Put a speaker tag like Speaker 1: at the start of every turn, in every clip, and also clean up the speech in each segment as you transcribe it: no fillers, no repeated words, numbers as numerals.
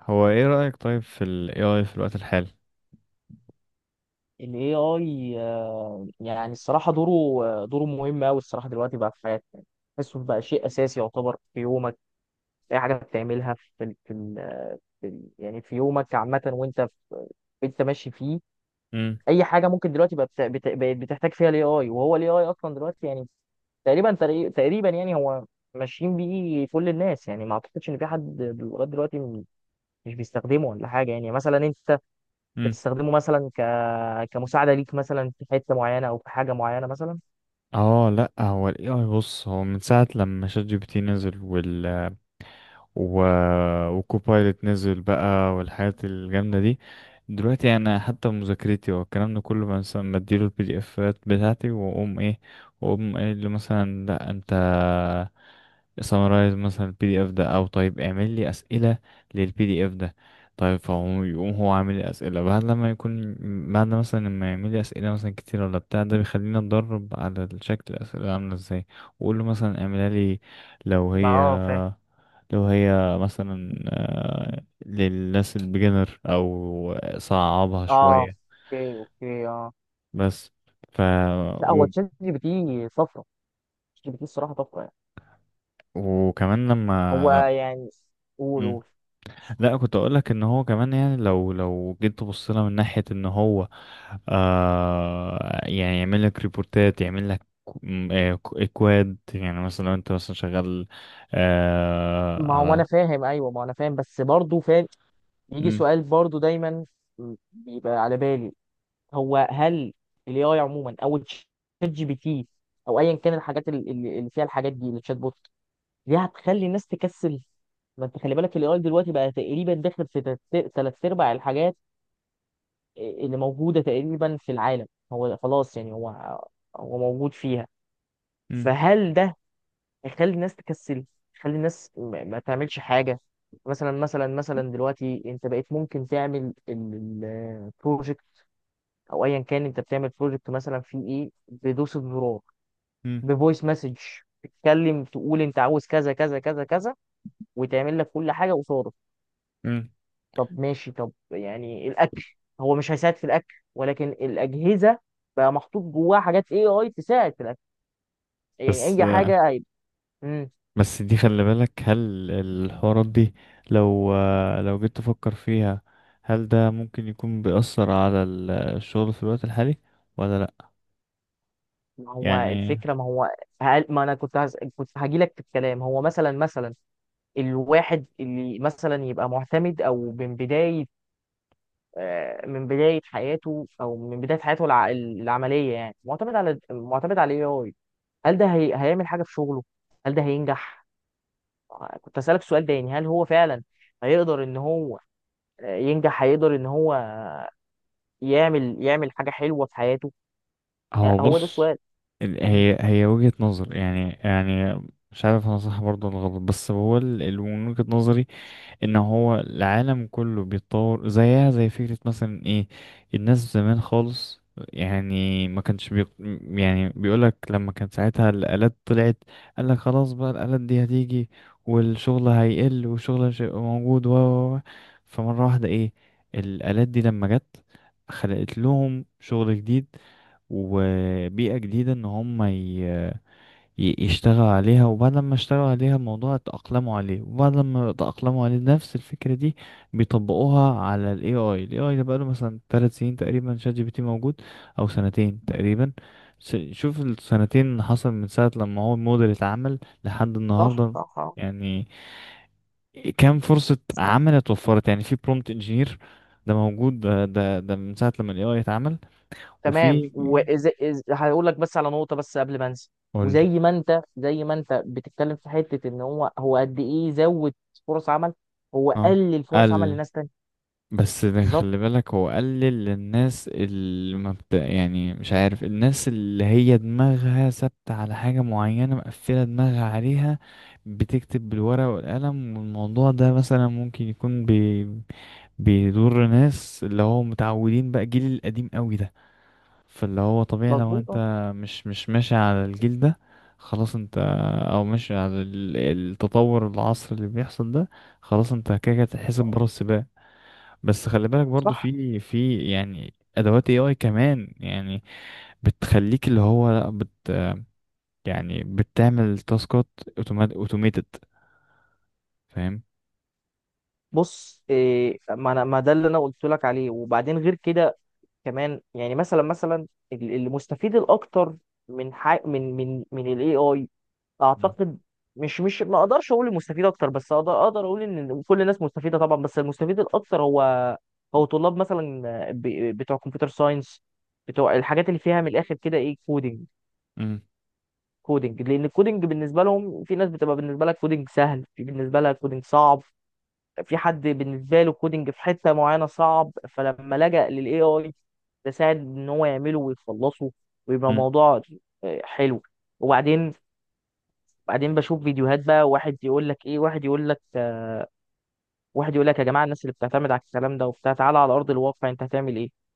Speaker 1: هو ايه رأيك طيب في ال AI في الوقت الحالي؟
Speaker 2: ال AI يعني الصراحة دوره. دوره مهم أوي الصراحة دلوقتي بقى في حياتنا. تحسه بقى شيء أساسي يعتبر في يومك، في أي حاجة بتعملها في ال في ال في ال يعني في يومك عامة، وأنت أنت ماشي فيه.
Speaker 1: امم
Speaker 2: أي حاجة ممكن دلوقتي بقى بقت بتحتاج فيها ال AI، وهو ال AI أصلا دلوقتي يعني تقريبا يعني هو ماشيين بيه كل الناس. يعني ما أعتقدش إن في حد لغاية دلوقتي مش بيستخدمه ولا حاجة. يعني مثلا أنت
Speaker 1: امم
Speaker 2: بتستخدمه مثلا يعني كمساعدة ليك مثلا في حتة معينة أو في حاجة معينة مثلا؟
Speaker 1: اه، لا، هو ال AI بص، هو من ساعة لما شات جي بي تي نزل وال و... وكوبايلوت نزل بقى والحاجات الجامدة دي، دلوقتي انا حتى مذاكرتي والكلام ده كله مثلا بديله البي دي افات بتاعتي، واقوم ايه، واقوم قايل له مثلا: لا انت سمرايز مثلا البي دي اف ده، او طيب اعمل لي اسئله للبي دي اف ده. طيب فهو يقوم هو عامل لي اسئله بعد لما يكون، بعد مثلا لما يعمل لي اسئله مثلا كتير ولا بتاع ده، بيخليني اتدرب على شكل الاسئله عامله ازاي، واقول له مثلا اعملها لي لو
Speaker 2: ما
Speaker 1: هي
Speaker 2: فاهم.
Speaker 1: لو هي مثلا، للناس البيجنر، او صعبها
Speaker 2: اه،
Speaker 1: شوية
Speaker 2: اوكي اوكي، اه
Speaker 1: بس. ف
Speaker 2: لا هو
Speaker 1: و...
Speaker 2: تشات جي بي تي طفره. تشات جي بي تي الصراحه طفره يعني.
Speaker 1: وكمان لما
Speaker 2: هو
Speaker 1: لا
Speaker 2: يعني قول
Speaker 1: مم.
Speaker 2: قول.
Speaker 1: لا، كنت اقول لك ان هو كمان، يعني لو جيت تبص لها من ناحية ان هو، يعني يعمل لك ريبورتات، يعمل لك اكواد. يعني مثلا لو انت مثلا شغال
Speaker 2: ما هو انا
Speaker 1: على،
Speaker 2: فاهم، ايوه ما انا فاهم، بس برضه فاهم يجي
Speaker 1: مم،
Speaker 2: سؤال برضه دايما بيبقى على بالي. هو هل الاي اي عموما، او تشات جي بي تي، او ايا كان الحاجات اللي فيها الحاجات دي، الشات بوت دي، هتخلي الناس تكسل؟ ما انت خلي بالك الاي اي دلوقتي بقى تقريبا داخل في تلات ارباع الحاجات اللي موجودة تقريبا في العالم. هو خلاص يعني هو هو موجود فيها.
Speaker 1: مم،
Speaker 2: فهل ده هيخلي الناس تكسل، يخلي الناس ما تعملش حاجة؟ مثلا دلوقتي انت بقيت ممكن تعمل البروجكت، او ايا كان انت بتعمل بروجكت مثلا، في ايه، بدوسة زرار،
Speaker 1: مم،
Speaker 2: بفويس مسج، تتكلم تقول انت عاوز كذا كذا كذا كذا، وتعمل لك كل حاجة قصادك.
Speaker 1: مم.
Speaker 2: طب ماشي، طب يعني الاكل، هو مش هيساعد في الاكل، ولكن الاجهزه بقى محطوط جواها حاجات اي اي تساعد في الاكل. يعني
Speaker 1: بس
Speaker 2: اي
Speaker 1: آه،
Speaker 2: حاجه هيبقى. امم،
Speaker 1: بس دي خلي بالك، هل الحوارات دي لو لو جيت تفكر فيها، هل ده ممكن يكون بيأثر على الشغل في الوقت الحالي ولا لأ؟
Speaker 2: ما هو
Speaker 1: يعني،
Speaker 2: الفكره، ما هو ما انا كنت هاجي لك في الكلام. هو مثلا مثلا الواحد اللي مثلا يبقى معتمد، او من بدايه من بدايه حياته، او من بدايه حياته العمليه يعني، معتمد على الاي اي، هل ده هيعمل حاجه في شغله؟ هل ده هينجح؟ كنت اسالك سؤال تاني، هل هو فعلا هيقدر ان هو ينجح، هيقدر ان هو يعمل حاجه حلوه في حياته؟
Speaker 1: هو
Speaker 2: هو ده
Speaker 1: بص،
Speaker 2: السؤال.
Speaker 1: ال-
Speaker 2: مم.
Speaker 1: هي هي وجهة نظر يعني، يعني مش عارف انا صح برضه ولا غلط، بس هو من وجهة نظري ان هو العالم كله بيتطور. زيها زي فكرة مثلا ايه، الناس زمان خالص، يعني ما كانش بي... يعني بيقولك لما كان ساعتها الآلات طلعت، قالك خلاص بقى الآلات دي هتيجي والشغل هيقل والشغل مش هيبقى موجود و. فمرة واحدة ايه، الآلات دي لما جت خلقت لهم شغل جديد، وبيئة جديدة ان هم يشتغل عليها، وبعد ما اشتغلوا عليها الموضوع اتأقلموا عليه، وبعد ما اتأقلموا عليه نفس الفكرة دي بيطبقوها على ال AI. ال AI ده بقاله مثلا 3 سنين تقريبا شات جي بي تي موجود، أو سنتين تقريبا. شوف السنتين اللي حصل من ساعة لما هو الموديل اتعمل لحد
Speaker 2: صح
Speaker 1: النهاردة،
Speaker 2: صح، آه.
Speaker 1: يعني كام فرصة عمل اتوفرت؟ يعني في برومبت انجينير، ده موجود ده، من ساعة لما ال AI اتعمل
Speaker 2: تمام،
Speaker 1: وفي،
Speaker 2: هقول لك بس على نقطه بس قبل ما انسى.
Speaker 1: قولي.
Speaker 2: وزي ما انت زي ما انت بتتكلم في حته ان هو، هو قد ايه زود فرص عمل، هو
Speaker 1: اه،
Speaker 2: قلل فرص عمل
Speaker 1: قل.
Speaker 2: لناس تانية؟
Speaker 1: بس ده
Speaker 2: بالظبط.
Speaker 1: خلي بالك، هو قلل للناس اللي ما بت... يعني مش عارف، الناس اللي هي دماغها ثابتة على حاجة معينة، مقفلة دماغها عليها، بتكتب بالورقة والقلم، والموضوع ده مثلا ممكن يكون بيضر ناس اللي هو متعودين بقى الجيل القديم قوي ده. فاللي هو طبيعي، لو
Speaker 2: مظبوط
Speaker 1: انت
Speaker 2: آه.
Speaker 1: مش ماشي على الجيل ده، خلاص انت، او ماشي على التطور، العصر اللي بيحصل ده، خلاص انت كده كده هتتحسب بره السباق. بس خلي بالك برضو،
Speaker 2: صح.
Speaker 1: في في يعني ادوات اي اي كمان، يعني بتخليك اللي هو لا بت يعني بتعمل تاسكات اوتوماتد، فاهم؟
Speaker 2: بص إيه، ما انا ما ده اللي انا قلت لك عليه. وبعدين غير كده كمان يعني مثلا، ال- المستفيد الاكتر من حي... من من من الاي اي،
Speaker 1: مم.
Speaker 2: اعتقد مش مش ما اقدرش اقول المستفيد اكتر، بس اقدر اقول ان كل الناس مستفيده طبعا، بس المستفيد الاكتر هو طلاب مثلا، ب... بتوع كمبيوتر ساينس، بتوع الحاجات اللي فيها من الاخر كده، ايه، كودينج.
Speaker 1: مم.
Speaker 2: كودينج لان الكودينج بالنسبه لهم، في ناس بتبقى بالنسبه لها كودينج سهل، في بالنسبه لها كودينج صعب، في حد بالنسبه له كودنج في حته معينه صعب، فلما لجأ للاي اي، ده ساعد ان هو يعمله ويخلصه ويبقى
Speaker 1: مم.
Speaker 2: موضوع حلو. وبعدين، بعدين بشوف فيديوهات بقى، واحد يقول لك ايه، واحد يقول لك واحد يقول لك يا جماعه الناس اللي بتعتمد على الكلام ده وبتاع، تعالى على ارض الواقع انت هتعمل ايه؟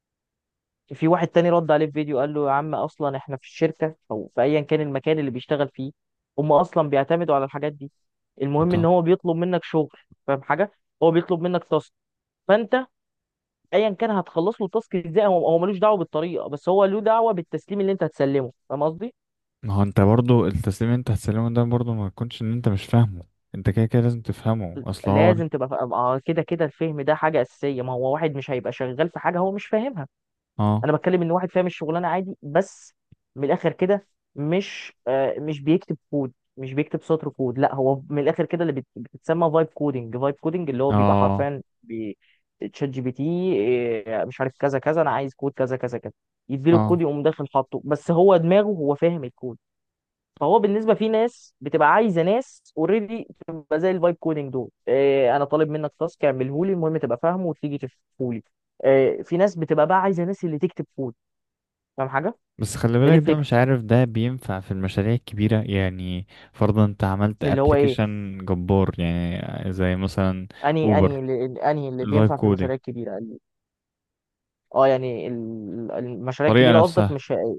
Speaker 2: في واحد تاني رد عليه في فيديو قال له يا عم، اصلا احنا في الشركه، او في ايا كان المكان اللي بيشتغل فيه، هم اصلا بيعتمدوا على الحاجات دي. المهم ان
Speaker 1: منطقة.
Speaker 2: هو بيطلب منك شغل، فاهم حاجه؟ هو بيطلب منك تاسك، فانت ايا كان هتخلص له التاسك ازاي، هو هو ملوش دعوه بالطريقه، بس هو له دعوه بالتسليم اللي انت هتسلمه، فاهم قصدي؟
Speaker 1: ما هو انت برضو التسليم اللي انت هتسلمه ده برضو، ما يكونش ان انت مش فاهمه، انت كده كده لازم تفهمه، اصل هو.
Speaker 2: لازم تبقى كده كده الفهم ده حاجه اساسيه. ما هو واحد مش هيبقى شغال في حاجه هو مش فاهمها.
Speaker 1: اه.
Speaker 2: انا بتكلم ان واحد فاهم الشغلانه عادي، بس من الاخر كده مش بيكتب كود، مش بيكتب سطر كود. لا هو من الاخر كده، اللي بتتسمى فايب كودنج. فايب كودنج اللي هو بيبقى
Speaker 1: اه.
Speaker 2: حرفيا تشات جي بي تي، إيه، مش عارف كذا كذا، انا عايز كود كذا كذا كذا، يديله الكود
Speaker 1: اه.
Speaker 2: يقوم داخل حاطه، بس هو دماغه هو فاهم الكود. فهو بالنسبه، في ناس بتبقى عايزه ناس اوريدي تبقى زي الفايب كودنج دول، إيه، انا طالب منك تاسك، اعمله لي، المهم تبقى فاهمه وتيجي تفهمه لي. في ناس بتبقى بقى عايزه ناس اللي تكتب كود، فاهم حاجه؟
Speaker 1: بس خلي
Speaker 2: هي دي
Speaker 1: بالك، ده
Speaker 2: الفكره.
Speaker 1: مش عارف ده بينفع في المشاريع الكبيرة يعني. فرضا انت عملت
Speaker 2: اللي هو ايه،
Speaker 1: ابلكيشن جبار، يعني زي مثلا
Speaker 2: انهي انهي
Speaker 1: اوبر.
Speaker 2: اللي انهي اللي
Speaker 1: الفايب
Speaker 2: بينفع في
Speaker 1: كودينج.
Speaker 2: المشاريع الكبيره. ال- اه يعني ال- المشاريع
Speaker 1: الطريقة
Speaker 2: الكبيره قصدك،
Speaker 1: نفسها.
Speaker 2: مش هي-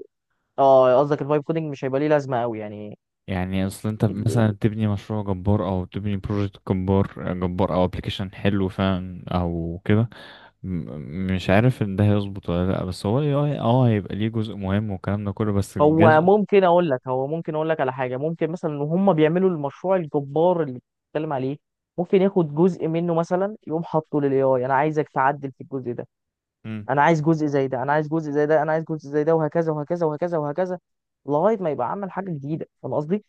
Speaker 2: اه قصدك الفايب كودنج مش هيبقى ليه لازمه قوي يعني.
Speaker 1: يعني اصل انت
Speaker 2: ال-
Speaker 1: مثلا تبني مشروع جبار، او تبني بروجكت جبار جبار، او ابلكيشن حلو فعلا او كده، مش عارف ان ده هيظبط ولا لا. بس هو ال AI اه هيبقى ليه جزء مهم والكلام ده كله، بس
Speaker 2: هو
Speaker 1: الجزء.
Speaker 2: ممكن اقول لك، هو ممكن اقول لك على حاجه، ممكن مثلا ان هم بيعملوا المشروع الجبار اللي بتتكلم عليه، ممكن ياخد جزء منه مثلا يقوم حاطه للاي اي، انا عايزك تعدل في الجزء ده،
Speaker 1: مم.
Speaker 2: انا عايز جزء زي ده، انا عايز جزء زي ده، انا عايز جزء زي ده، وهكذا وهكذا وهكذا وهكذا لغايه ما يبقى عمل حاجه جديده، فاهم قصدي؟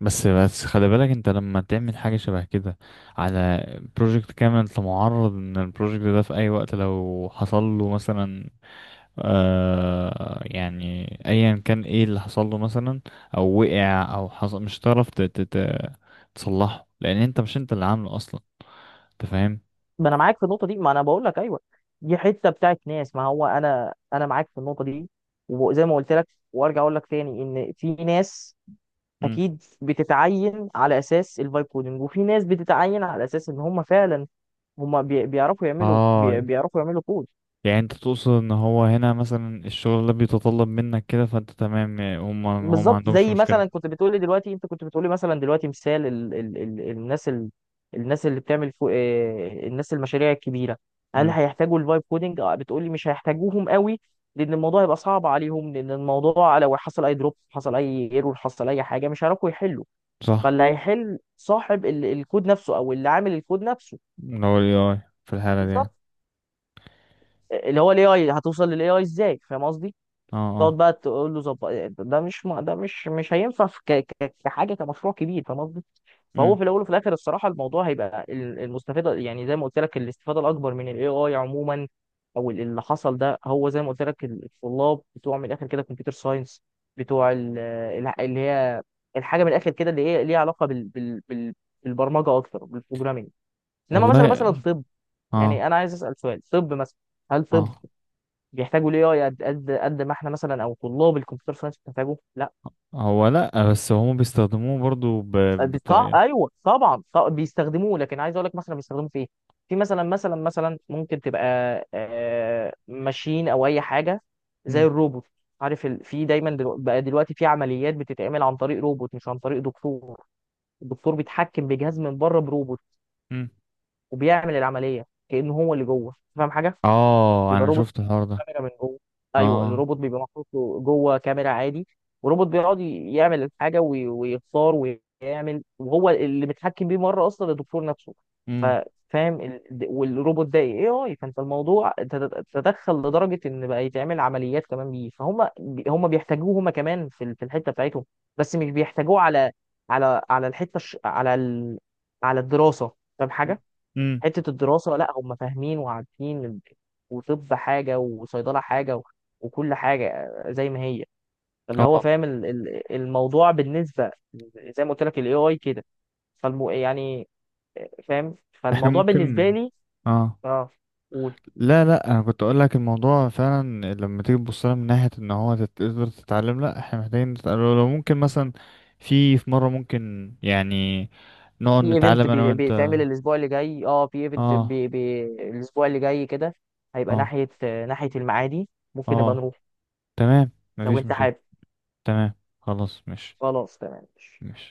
Speaker 1: بس خلي بالك، انت لما تعمل حاجة شبه كده على بروجكت كامل، انت معرض ان البروجكت ده في اي وقت، لو حصل له مثلا، آه يعني ايا كان ايه اللي حصل له، مثلا او وقع او حصل، مش هتعرف تصلحه، لان انت مش انت اللي عامله اصلا، انت فاهم.
Speaker 2: ما انا معاك في النقطه دي، ما انا بقول لك ايوه، دي حته بتاعت ناس. ما هو انا، انا معاك في النقطه دي. وزي ما قلت لك وارجع اقول لك تاني، ان في ناس
Speaker 1: مم.
Speaker 2: اكيد بتتعين على اساس الفايب كودنج، وفي ناس بتتعين على اساس ان هم فعلا، هم بيعرفوا يعملوا
Speaker 1: اه،
Speaker 2: بيعرفوا يعملوا كود.
Speaker 1: يعني انت تقصد ان هو هنا مثلا الشغل ده بيتطلب منك كده، فانت تمام، يعني هم، ما
Speaker 2: بالظبط
Speaker 1: عندهمش
Speaker 2: زي
Speaker 1: مشكلة.
Speaker 2: مثلا كنت بتقولي دلوقتي، انت كنت بتقولي مثلا دلوقتي، مثال ال ال ال الناس، الناس اللي بتعمل فو اه الناس المشاريع الكبيره، هل
Speaker 1: امم.
Speaker 2: هيحتاجوا الفايب كودنج؟ اه بتقولي مش هيحتاجوهم قوي، لان الموضوع هيبقى صعب عليهم، لان الموضوع لو حصل اي دروب، حصل اي ايرور، حصل اي حاجه مش هيعرفوا يحلوا.
Speaker 1: صح.
Speaker 2: فاللي هيحل صاحب ال الكود نفسه، او اللي عامل الكود نفسه.
Speaker 1: لو ال AI في الحالة دي يعني.
Speaker 2: بالظبط. اللي هو الاي اي، هتوصل للاي اي ازاي، فاهم قصدي؟
Speaker 1: اه.
Speaker 2: تقعد
Speaker 1: اه.
Speaker 2: بقى تقول له ظبط. ده مش م- ده مش مش هينفع كحاجه، كمشروع كبير، فاهم قصدي؟ فهو
Speaker 1: مم.
Speaker 2: في الاول وفي الاخر الصراحه، الموضوع هيبقى المستفاده، يعني زي ما قلت لك، الاستفاده الاكبر من الاي اي عموما، او ال- اللي حصل ده، هو زي ما قلت لك، ال- الطلاب بتوع من الاخر كده كمبيوتر ساينس، بتوع اللي هي الحاجه من الاخر كده اللي هي ليها علاقه بالبرمجه اكتر، بالبروجرامينج. انما مثلا
Speaker 1: والله.
Speaker 2: طب يعني،
Speaker 1: اه.
Speaker 2: انا عايز اسال سؤال، طب مثلا هل، طب
Speaker 1: اه.
Speaker 2: بيحتاجوا الاي اي قد ما احنا مثلا، او طلاب الكمبيوتر ساينس بتحتاجه، لا؟
Speaker 1: هو لا، بس هم بيستخدموه برضو بطريقة.
Speaker 2: ايوه طبعا بيستخدموه، لكن عايز اقول لك مثلا بيستخدموه في ايه. في مثلا ممكن تبقى ماشين او اي حاجه زي الروبوت. عارف في دايما بقى دلوقتي في عمليات بتتعمل عن طريق روبوت مش عن طريق دكتور. الدكتور بيتحكم بجهاز من بره بروبوت، وبيعمل العمليه كانه هو اللي جوه، فاهم حاجه؟
Speaker 1: اه،
Speaker 2: بيبقى
Speaker 1: انا
Speaker 2: الروبوت
Speaker 1: شفت الحوار ده.
Speaker 2: كاميرا من جوه. ايوه
Speaker 1: اه.
Speaker 2: الروبوت بيبقى محطوط له جوه كاميرا عادي، وروبوت بيقعد يعمل الحاجه ويختار ويعمل، وهو اللي متحكم بيه مره اصلا الدكتور نفسه. ف-
Speaker 1: امم.
Speaker 2: فاهم والروبوت ده اي اي، فانت الموضوع تدخل لدرجه ان بقى يتعمل عمليات كمان بيه، فهم هم بيحتاجوه هم كمان في الحته بتاعتهم، بس مش بيحتاجوه على الحته الش- على ال... على الدراسه، فاهم حاجه؟
Speaker 1: امم.
Speaker 2: حته الدراسه لا، هم فاهمين وعارفين وطب حاجه وصيدله حاجه وكل حاجه زي ما هي، اللي هو
Speaker 1: اه.
Speaker 2: فاهم الموضوع بالنسبه زي ما قلت لك الاي اي كده. فالمو يعني فاهم،
Speaker 1: احنا
Speaker 2: فالموضوع بالنسبه
Speaker 1: ممكن.
Speaker 2: لي،
Speaker 1: اه.
Speaker 2: اه قول.
Speaker 1: لا، انا كنت اقول لك، الموضوع فعلا لما تيجي تبص لها من ناحيه ان هو تقدر تتعلم، لا، احنا محتاجين نتعلم. لو ممكن مثلا، في مره ممكن يعني نقعد
Speaker 2: في ايفنت
Speaker 1: نتعلم انا وانت.
Speaker 2: بيتعمل الاسبوع اللي جاي، اه في ايفنت
Speaker 1: اه.
Speaker 2: بي بي الاسبوع اللي جاي كده، هيبقى
Speaker 1: اه.
Speaker 2: ناحيه المعادي، ممكن نبقى
Speaker 1: اه.
Speaker 2: نروح
Speaker 1: تمام.
Speaker 2: لو
Speaker 1: مفيش
Speaker 2: انت
Speaker 1: مشاكل.
Speaker 2: حابب.
Speaker 1: تمام. خلاص، مش
Speaker 2: خلاص تمام.
Speaker 1: مش